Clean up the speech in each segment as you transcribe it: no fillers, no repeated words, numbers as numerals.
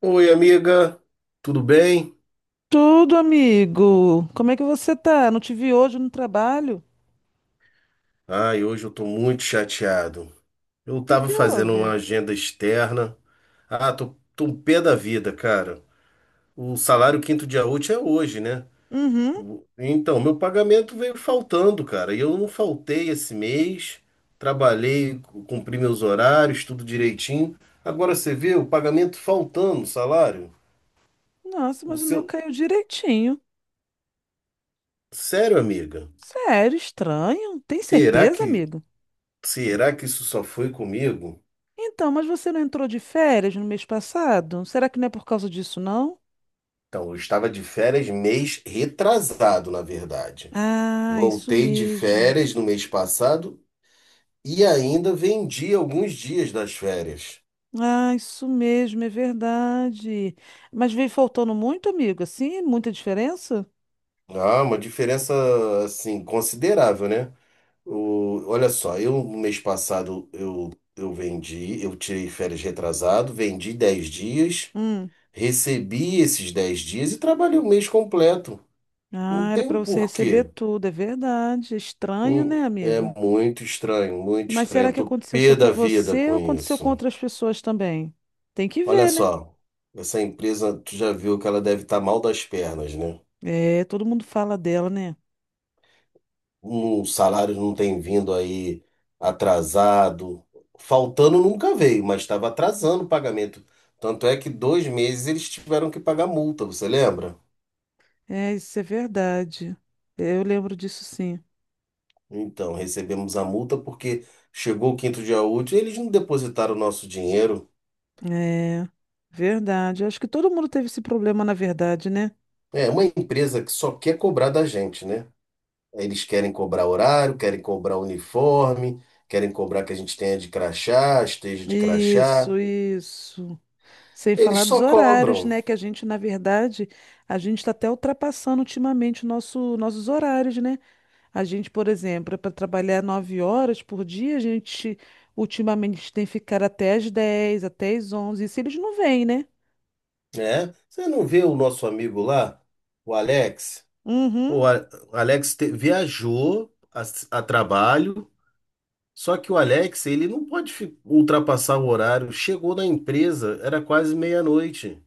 Oi, amiga, tudo bem? Tudo, amigo. Como é que você tá? Não te vi hoje no trabalho? Ai, hoje eu tô muito chateado. Eu O que tava que fazendo uma houve? agenda externa. Ah, tô um pé da vida, cara. O salário quinto dia útil é hoje, né? Uhum. Então, meu pagamento veio faltando, cara. E eu não faltei esse mês. Trabalhei, cumpri meus horários, tudo direitinho. Agora você vê o pagamento faltando, o salário. Nossa, O mas o meu seu. caiu direitinho. Sério, amiga? Sério, estranho. Tem Será certeza, que, amigo? será que isso só foi comigo? Então, mas você não entrou de férias no mês passado? Será que não é por causa disso, não? Então, eu estava de férias mês retrasado, na verdade. Ah, isso Voltei de mesmo. férias no mês passado e ainda vendi alguns dias das férias. Ah, isso mesmo, é verdade. Mas veio faltando muito, amigo, assim? Muita diferença? Ah, uma diferença assim considerável, né? Olha só, eu no mês passado eu vendi, eu tirei férias retrasado, vendi 10 dias, Hum. recebi esses 10 dias e trabalhei o mês completo. Não Ah, era tem pra o você receber porquê. tudo, é verdade. Estranho, né, É amigo? muito estranho, muito Mas estranho. será Eu que tô aconteceu só pé com da vida você com ou aconteceu com isso. outras pessoas também? Tem que Olha ver, né? só, essa empresa, tu já viu que ela deve estar mal das pernas, né? É, todo mundo fala dela, né? Um salário não tem vindo aí atrasado. Faltando nunca veio, mas estava atrasando o pagamento. Tanto é que 2 meses eles tiveram que pagar multa, você lembra? É, isso é verdade. É, eu lembro disso sim. Então, recebemos a multa porque chegou o quinto dia útil e eles não depositaram o nosso dinheiro. É, verdade. Eu acho que todo mundo teve esse problema, na verdade, né? É uma empresa que só quer cobrar da gente, né? Eles querem cobrar horário, querem cobrar uniforme, querem cobrar que a gente tenha de crachá, esteja de crachá. Isso, isso. Sem falar Eles dos só horários, cobram, né? Que a gente, na verdade, a gente está até ultrapassando ultimamente o nossos horários, né? A gente, por exemplo, para trabalhar 9 horas por dia, a gente ultimamente tem que ficar até as 10 até as 11 e se eles não vêm, né? né? Você não vê o nosso amigo lá, o Alex? Pô, Uhum. O Alex viajou a trabalho, só que o Alex, ele não pode ultrapassar o horário. Chegou na empresa, era quase meia-noite.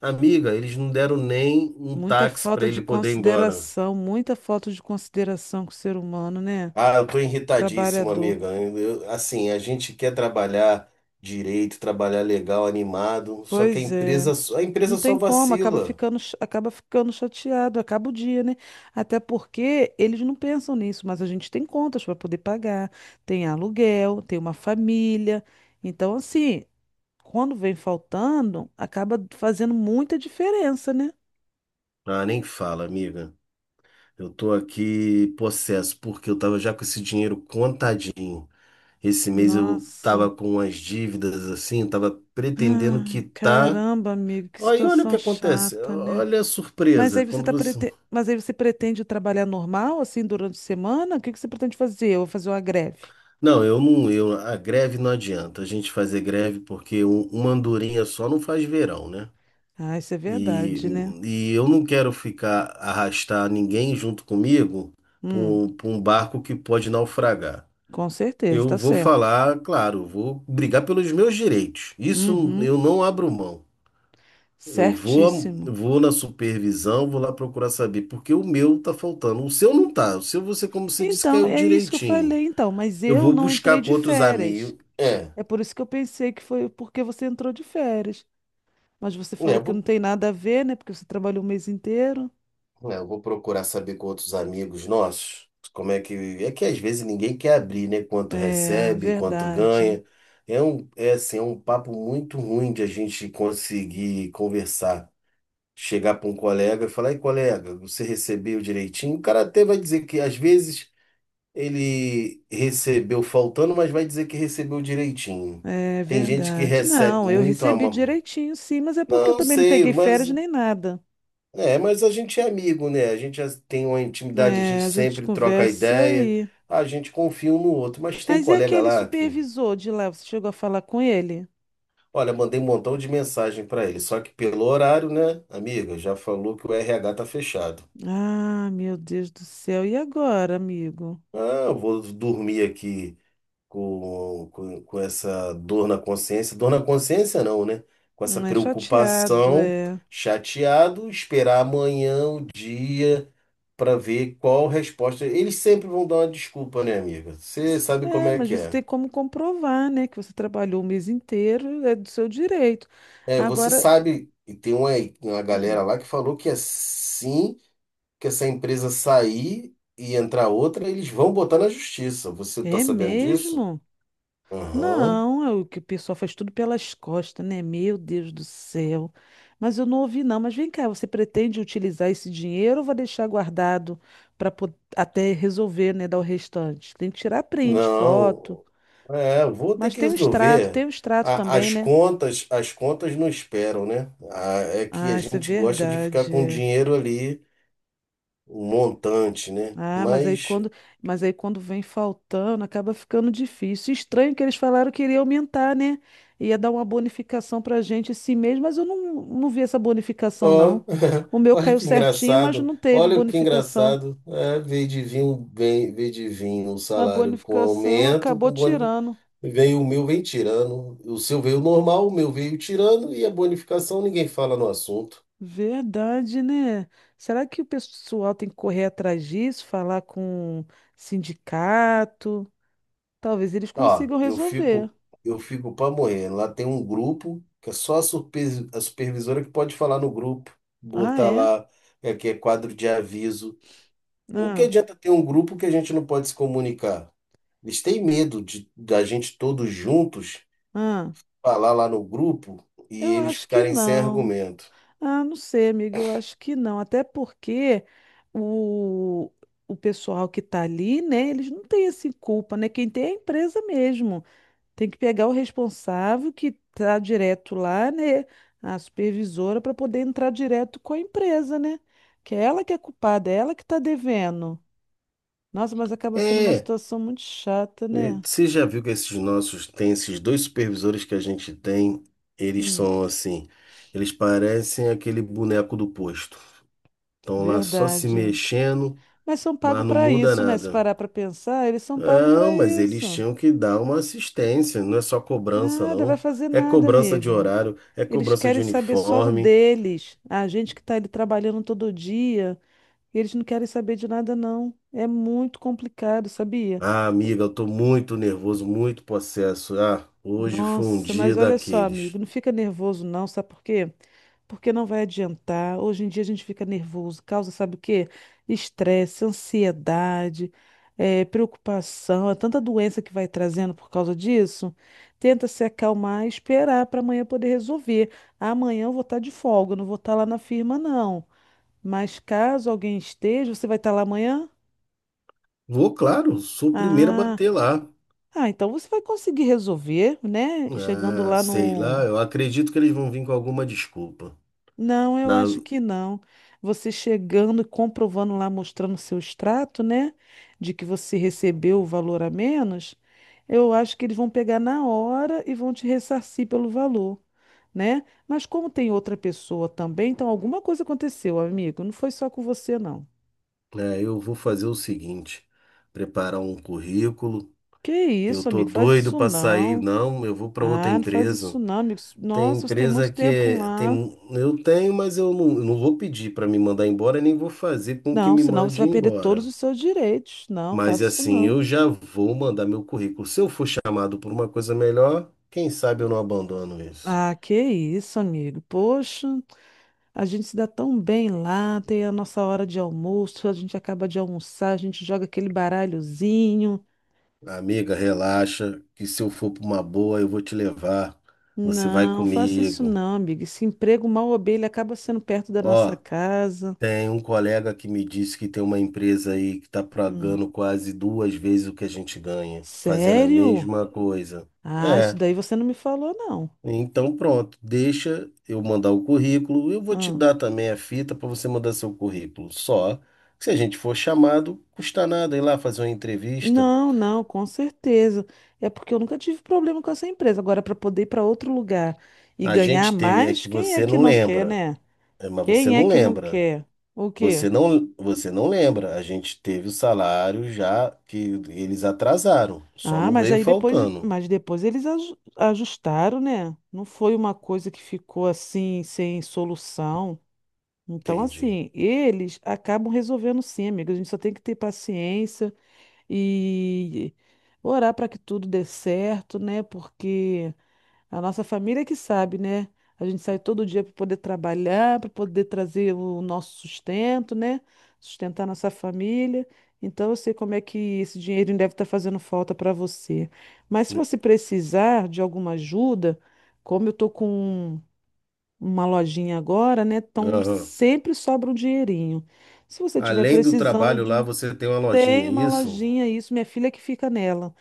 Amiga, eles não deram nem um Muita táxi para falta ele de poder ir embora. consideração, muita falta de consideração com o ser humano, né? Ah, eu tô irritadíssimo, Trabalhador. amiga. Assim, a gente quer trabalhar direito, trabalhar legal, animado, só que a Pois é. empresa, a Não empresa só tem como, acaba vacila. ficando, acaba ficando chateado, acaba o dia, né? Até porque eles não pensam nisso, mas a gente tem contas para poder pagar, tem aluguel, tem uma família. Então, assim, quando vem faltando, acaba fazendo muita diferença, né? Ah, nem fala, amiga. Eu tô aqui possesso, porque eu tava já com esse dinheiro contadinho. Esse mês eu Nossa. tava com umas dívidas assim, tava pretendendo Ai, quitar. caramba, amigo, que Aí olha o que situação acontece. chata, né? Olha a surpresa. Quando você Mas aí você pretende trabalhar normal, assim, durante a semana? O que que você pretende fazer? Eu vou fazer uma greve. Não, eu não, eu, a greve não adianta a gente fazer greve porque uma andorinha só não faz verão, né? Ah, isso é E, verdade, né? e eu não quero ficar arrastar ninguém junto comigo para Hum, pra um barco que pode naufragar. com certeza, Eu tá vou certo. falar, claro, vou brigar pelos meus direitos. Isso Uhum, eu não abro mão. Eu vou, certíssimo. vou na supervisão, vou lá procurar saber porque o meu tá faltando. O seu não tá. O seu você, como você disse, Então, caiu é isso que eu direitinho. falei, então, mas Eu eu vou não entrei buscar com de outros férias. amigos. É. É por isso que eu pensei que foi porque você entrou de férias. Mas você É, falou eu que não vou, tem nada a ver, né? Porque você trabalhou o mês inteiro. é, eu vou procurar saber com outros amigos nossos como é que. É que às vezes ninguém quer abrir, né? Quanto É, recebe, quanto verdade. ganha. É assim, é um papo muito ruim de a gente conseguir conversar. Chegar para um colega e falar, ei, colega, você recebeu direitinho? O cara até vai dizer que às vezes ele recebeu faltando, mas vai dizer que recebeu direitinho. É Tem gente que verdade. recebe Não, eu muito a recebi mão. direitinho, sim, mas é porque eu Não também não sei, peguei férias mas. nem nada. É, mas a gente é amigo, né? A gente já tem uma intimidade, a gente É, a gente sempre troca conversa ideia, aí. a gente confia um no outro, mas tem Mas e colega aquele lá que, supervisor de lá? Você chegou a falar com ele? olha, mandei um montão de mensagem pra ele, só que pelo horário, né, amiga, já falou que o RH tá fechado. Ah, meu Deus do céu. E agora, amigo? Ah, eu vou dormir aqui com essa dor na consciência não, né? Com essa É chateado, preocupação, é. chateado, esperar amanhã o dia, para ver qual resposta. Eles sempre vão dar uma desculpa, né, amiga? Você sabe como É, é mas que você é. tem como comprovar, né, que você trabalhou o mês inteiro, é do seu direito. É, você Agora. sabe, e tem uma galera Hum. lá que falou que assim que essa empresa sair e entrar outra, eles vão botar na justiça. Você tá É sabendo disso? mesmo? Aham. Não, é o que o pessoal faz tudo pelas costas, né? Meu Deus do céu. Mas eu não ouvi, não. Mas vem cá, você pretende utilizar esse dinheiro ou vai deixar guardado para até resolver, né? Dar o restante? Tem que tirar print, foto. Não. É, eu vou ter Mas que resolver. tem o extrato A- também, As né? contas, as contas não esperam, né? É que a Ah, isso é gente gosta de ficar verdade. com o É. dinheiro ali, um montante, né? Ah, Mas, mas aí quando vem faltando, acaba ficando difícil. Estranho que eles falaram que iria aumentar, né? Ia dar uma bonificação pra gente esse mês, mas eu não vi essa bonificação, ó, não. O meu olha caiu que certinho, mas engraçado, não teve olha que bonificação. engraçado. É, veio de vir um A salário com bonificação aumento, acabou com boni, tirando. veio o meu, vem tirando. O seu veio normal, o meu veio tirando e a bonificação ninguém fala no assunto. Verdade, né? Será que o pessoal tem que correr atrás disso, falar com sindicato? Talvez eles Ó, consigam eu resolver. fico, eu fico pra morrer. Lá tem um grupo que é só a supervisora que pode falar no grupo, Ah, botar é? lá, é que é quadro de aviso. O que Ah, adianta ter um grupo que a gente não pode se comunicar? Eles têm medo de da gente todos juntos ah. falar lá no grupo e Eu eles acho que ficarem sem não. argumento. Ah, não sei, amigo, eu acho que não. Até porque o, o pessoal que está ali, né, eles não têm assim culpa, né? Quem tem é a empresa mesmo. Tem que pegar o responsável que está direto lá, né, a supervisora, para poder entrar direto com a empresa, né? Que é ela que é culpada, é ela que está devendo. Nossa, mas acaba sendo uma É, situação muito chata, e né? você já viu que esses nossos, tem esses dois supervisores que a gente tem, eles Hum, são assim, eles parecem aquele boneco do posto. Estão lá só se verdade. mexendo, Mas são mas pagos não para muda isso, né? Se nada. parar para pensar, eles são pagos para Não, mas eles isso. tinham que dar uma assistência, não é só cobrança, Nada, vai não. fazer É nada, cobrança de amigo. horário, é Eles cobrança querem de saber só do uniforme. deles. A gente que tá ali trabalhando todo dia, eles não querem saber de nada, não. É muito complicado, sabia? Ah, amiga, eu tô muito nervoso, muito possesso. Ah, hoje foi um Nossa, mas dia olha só, daqueles. amigo, não fica nervoso não, sabe por quê? Porque não vai adiantar. Hoje em dia a gente fica nervoso, causa, sabe o quê? Estresse, ansiedade, preocupação, é tanta doença que vai trazendo por causa disso. Tenta se acalmar e esperar para amanhã poder resolver. Amanhã eu vou estar de folga, eu não vou estar lá na firma, não. Mas caso alguém esteja, você vai estar lá amanhã? Vou, claro, sou o primeiro a Ah, bater lá. ah, então você vai conseguir resolver, né? Chegando Ah, lá sei no... lá, eu acredito que eles vão vir com alguma desculpa. Não, eu Na- acho que não. Você chegando e comprovando lá, mostrando o seu extrato, né? De que você recebeu o valor a menos, eu acho que eles vão pegar na hora e vão te ressarcir pelo valor, né? Mas como tem outra pessoa também, então alguma coisa aconteceu, amigo. Não foi só com você, não. é, eu vou fazer o seguinte: preparar um currículo. Que Eu isso, tô amigo? Faz doido isso pra sair. não. Não, eu vou pra outra Ah, não faz isso empresa. não, amigo. Tem Nossa, você tem empresa muito que tempo é, tem, lá. eu tenho, mas eu não, não vou pedir pra me mandar embora, nem vou fazer com que Não, me senão você mande vai perder todos embora. os seus direitos. Não, Mas faça isso assim, não. eu já vou mandar meu currículo. Se eu for chamado por uma coisa melhor, quem sabe eu não abandono isso. Ah, que isso, amigo. Poxa, a gente se dá tão bem lá, tem a nossa hora de almoço, a gente acaba de almoçar, a gente joga aquele baralhozinho. Amiga, relaxa, que se eu for para uma boa, eu vou te levar. Você vai Não, faça isso comigo. não, amigo. Esse emprego mal ou bem, ele acaba sendo perto da nossa Ó, casa. tem um colega que me disse que tem uma empresa aí que está Hum. pagando quase duas vezes o que a gente ganha, fazendo a Sério? mesma coisa. Ah, É. isso daí você não me falou, não. Então, pronto, deixa eu mandar o currículo. Eu vou te Ah. dar também a fita para você mandar seu currículo. Só que se a gente for chamado, custa nada ir lá fazer uma entrevista. Não, não, com certeza. É porque eu nunca tive problema com essa empresa. Agora, para poder ir para outro lugar e A ganhar gente teve, é mais, que quem é você que não não quer, lembra, né? é, mas você Quem é não que não lembra. quer? O quê? Você não lembra. A gente teve o salário já que eles atrasaram, só Ah, não veio faltando. mas depois eles ajustaram, né? Não foi uma coisa que ficou assim, sem solução. Então, Entendi. assim, eles acabam resolvendo sim, amiga. A gente só tem que ter paciência e orar para que tudo dê certo, né? Porque a nossa família que sabe, né? A gente sai todo dia para poder trabalhar, para poder trazer o nosso sustento, né? Sustentar nossa família. Então, eu sei como é que esse dinheirinho deve estar fazendo falta para você. Mas se você precisar de alguma ajuda, como eu tô com uma lojinha agora, né? Então, Aham. sempre sobra um dinheirinho. Se você estiver Além do precisando trabalho lá, de você tem uma lojinha, tem é uma isso? lojinha, isso, minha filha que fica nela.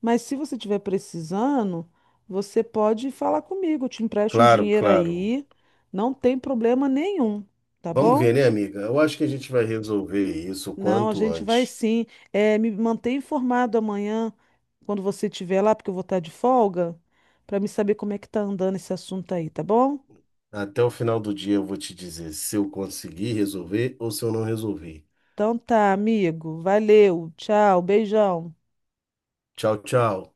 Mas se você estiver precisando, você pode falar comigo, eu te empresto um Claro, dinheiro claro. aí, não tem problema nenhum, tá Vamos ver, bom? né, amiga? Eu acho que a gente vai resolver isso o Não, a quanto gente vai antes. sim. É, me mantém informado amanhã, quando você estiver lá, porque eu vou estar de folga, para me saber como é que tá andando esse assunto aí, tá bom? Até o final do dia eu vou te dizer se eu conseguir resolver ou se eu não resolvi. Então tá, amigo. Valeu, tchau, beijão. Tchau, tchau.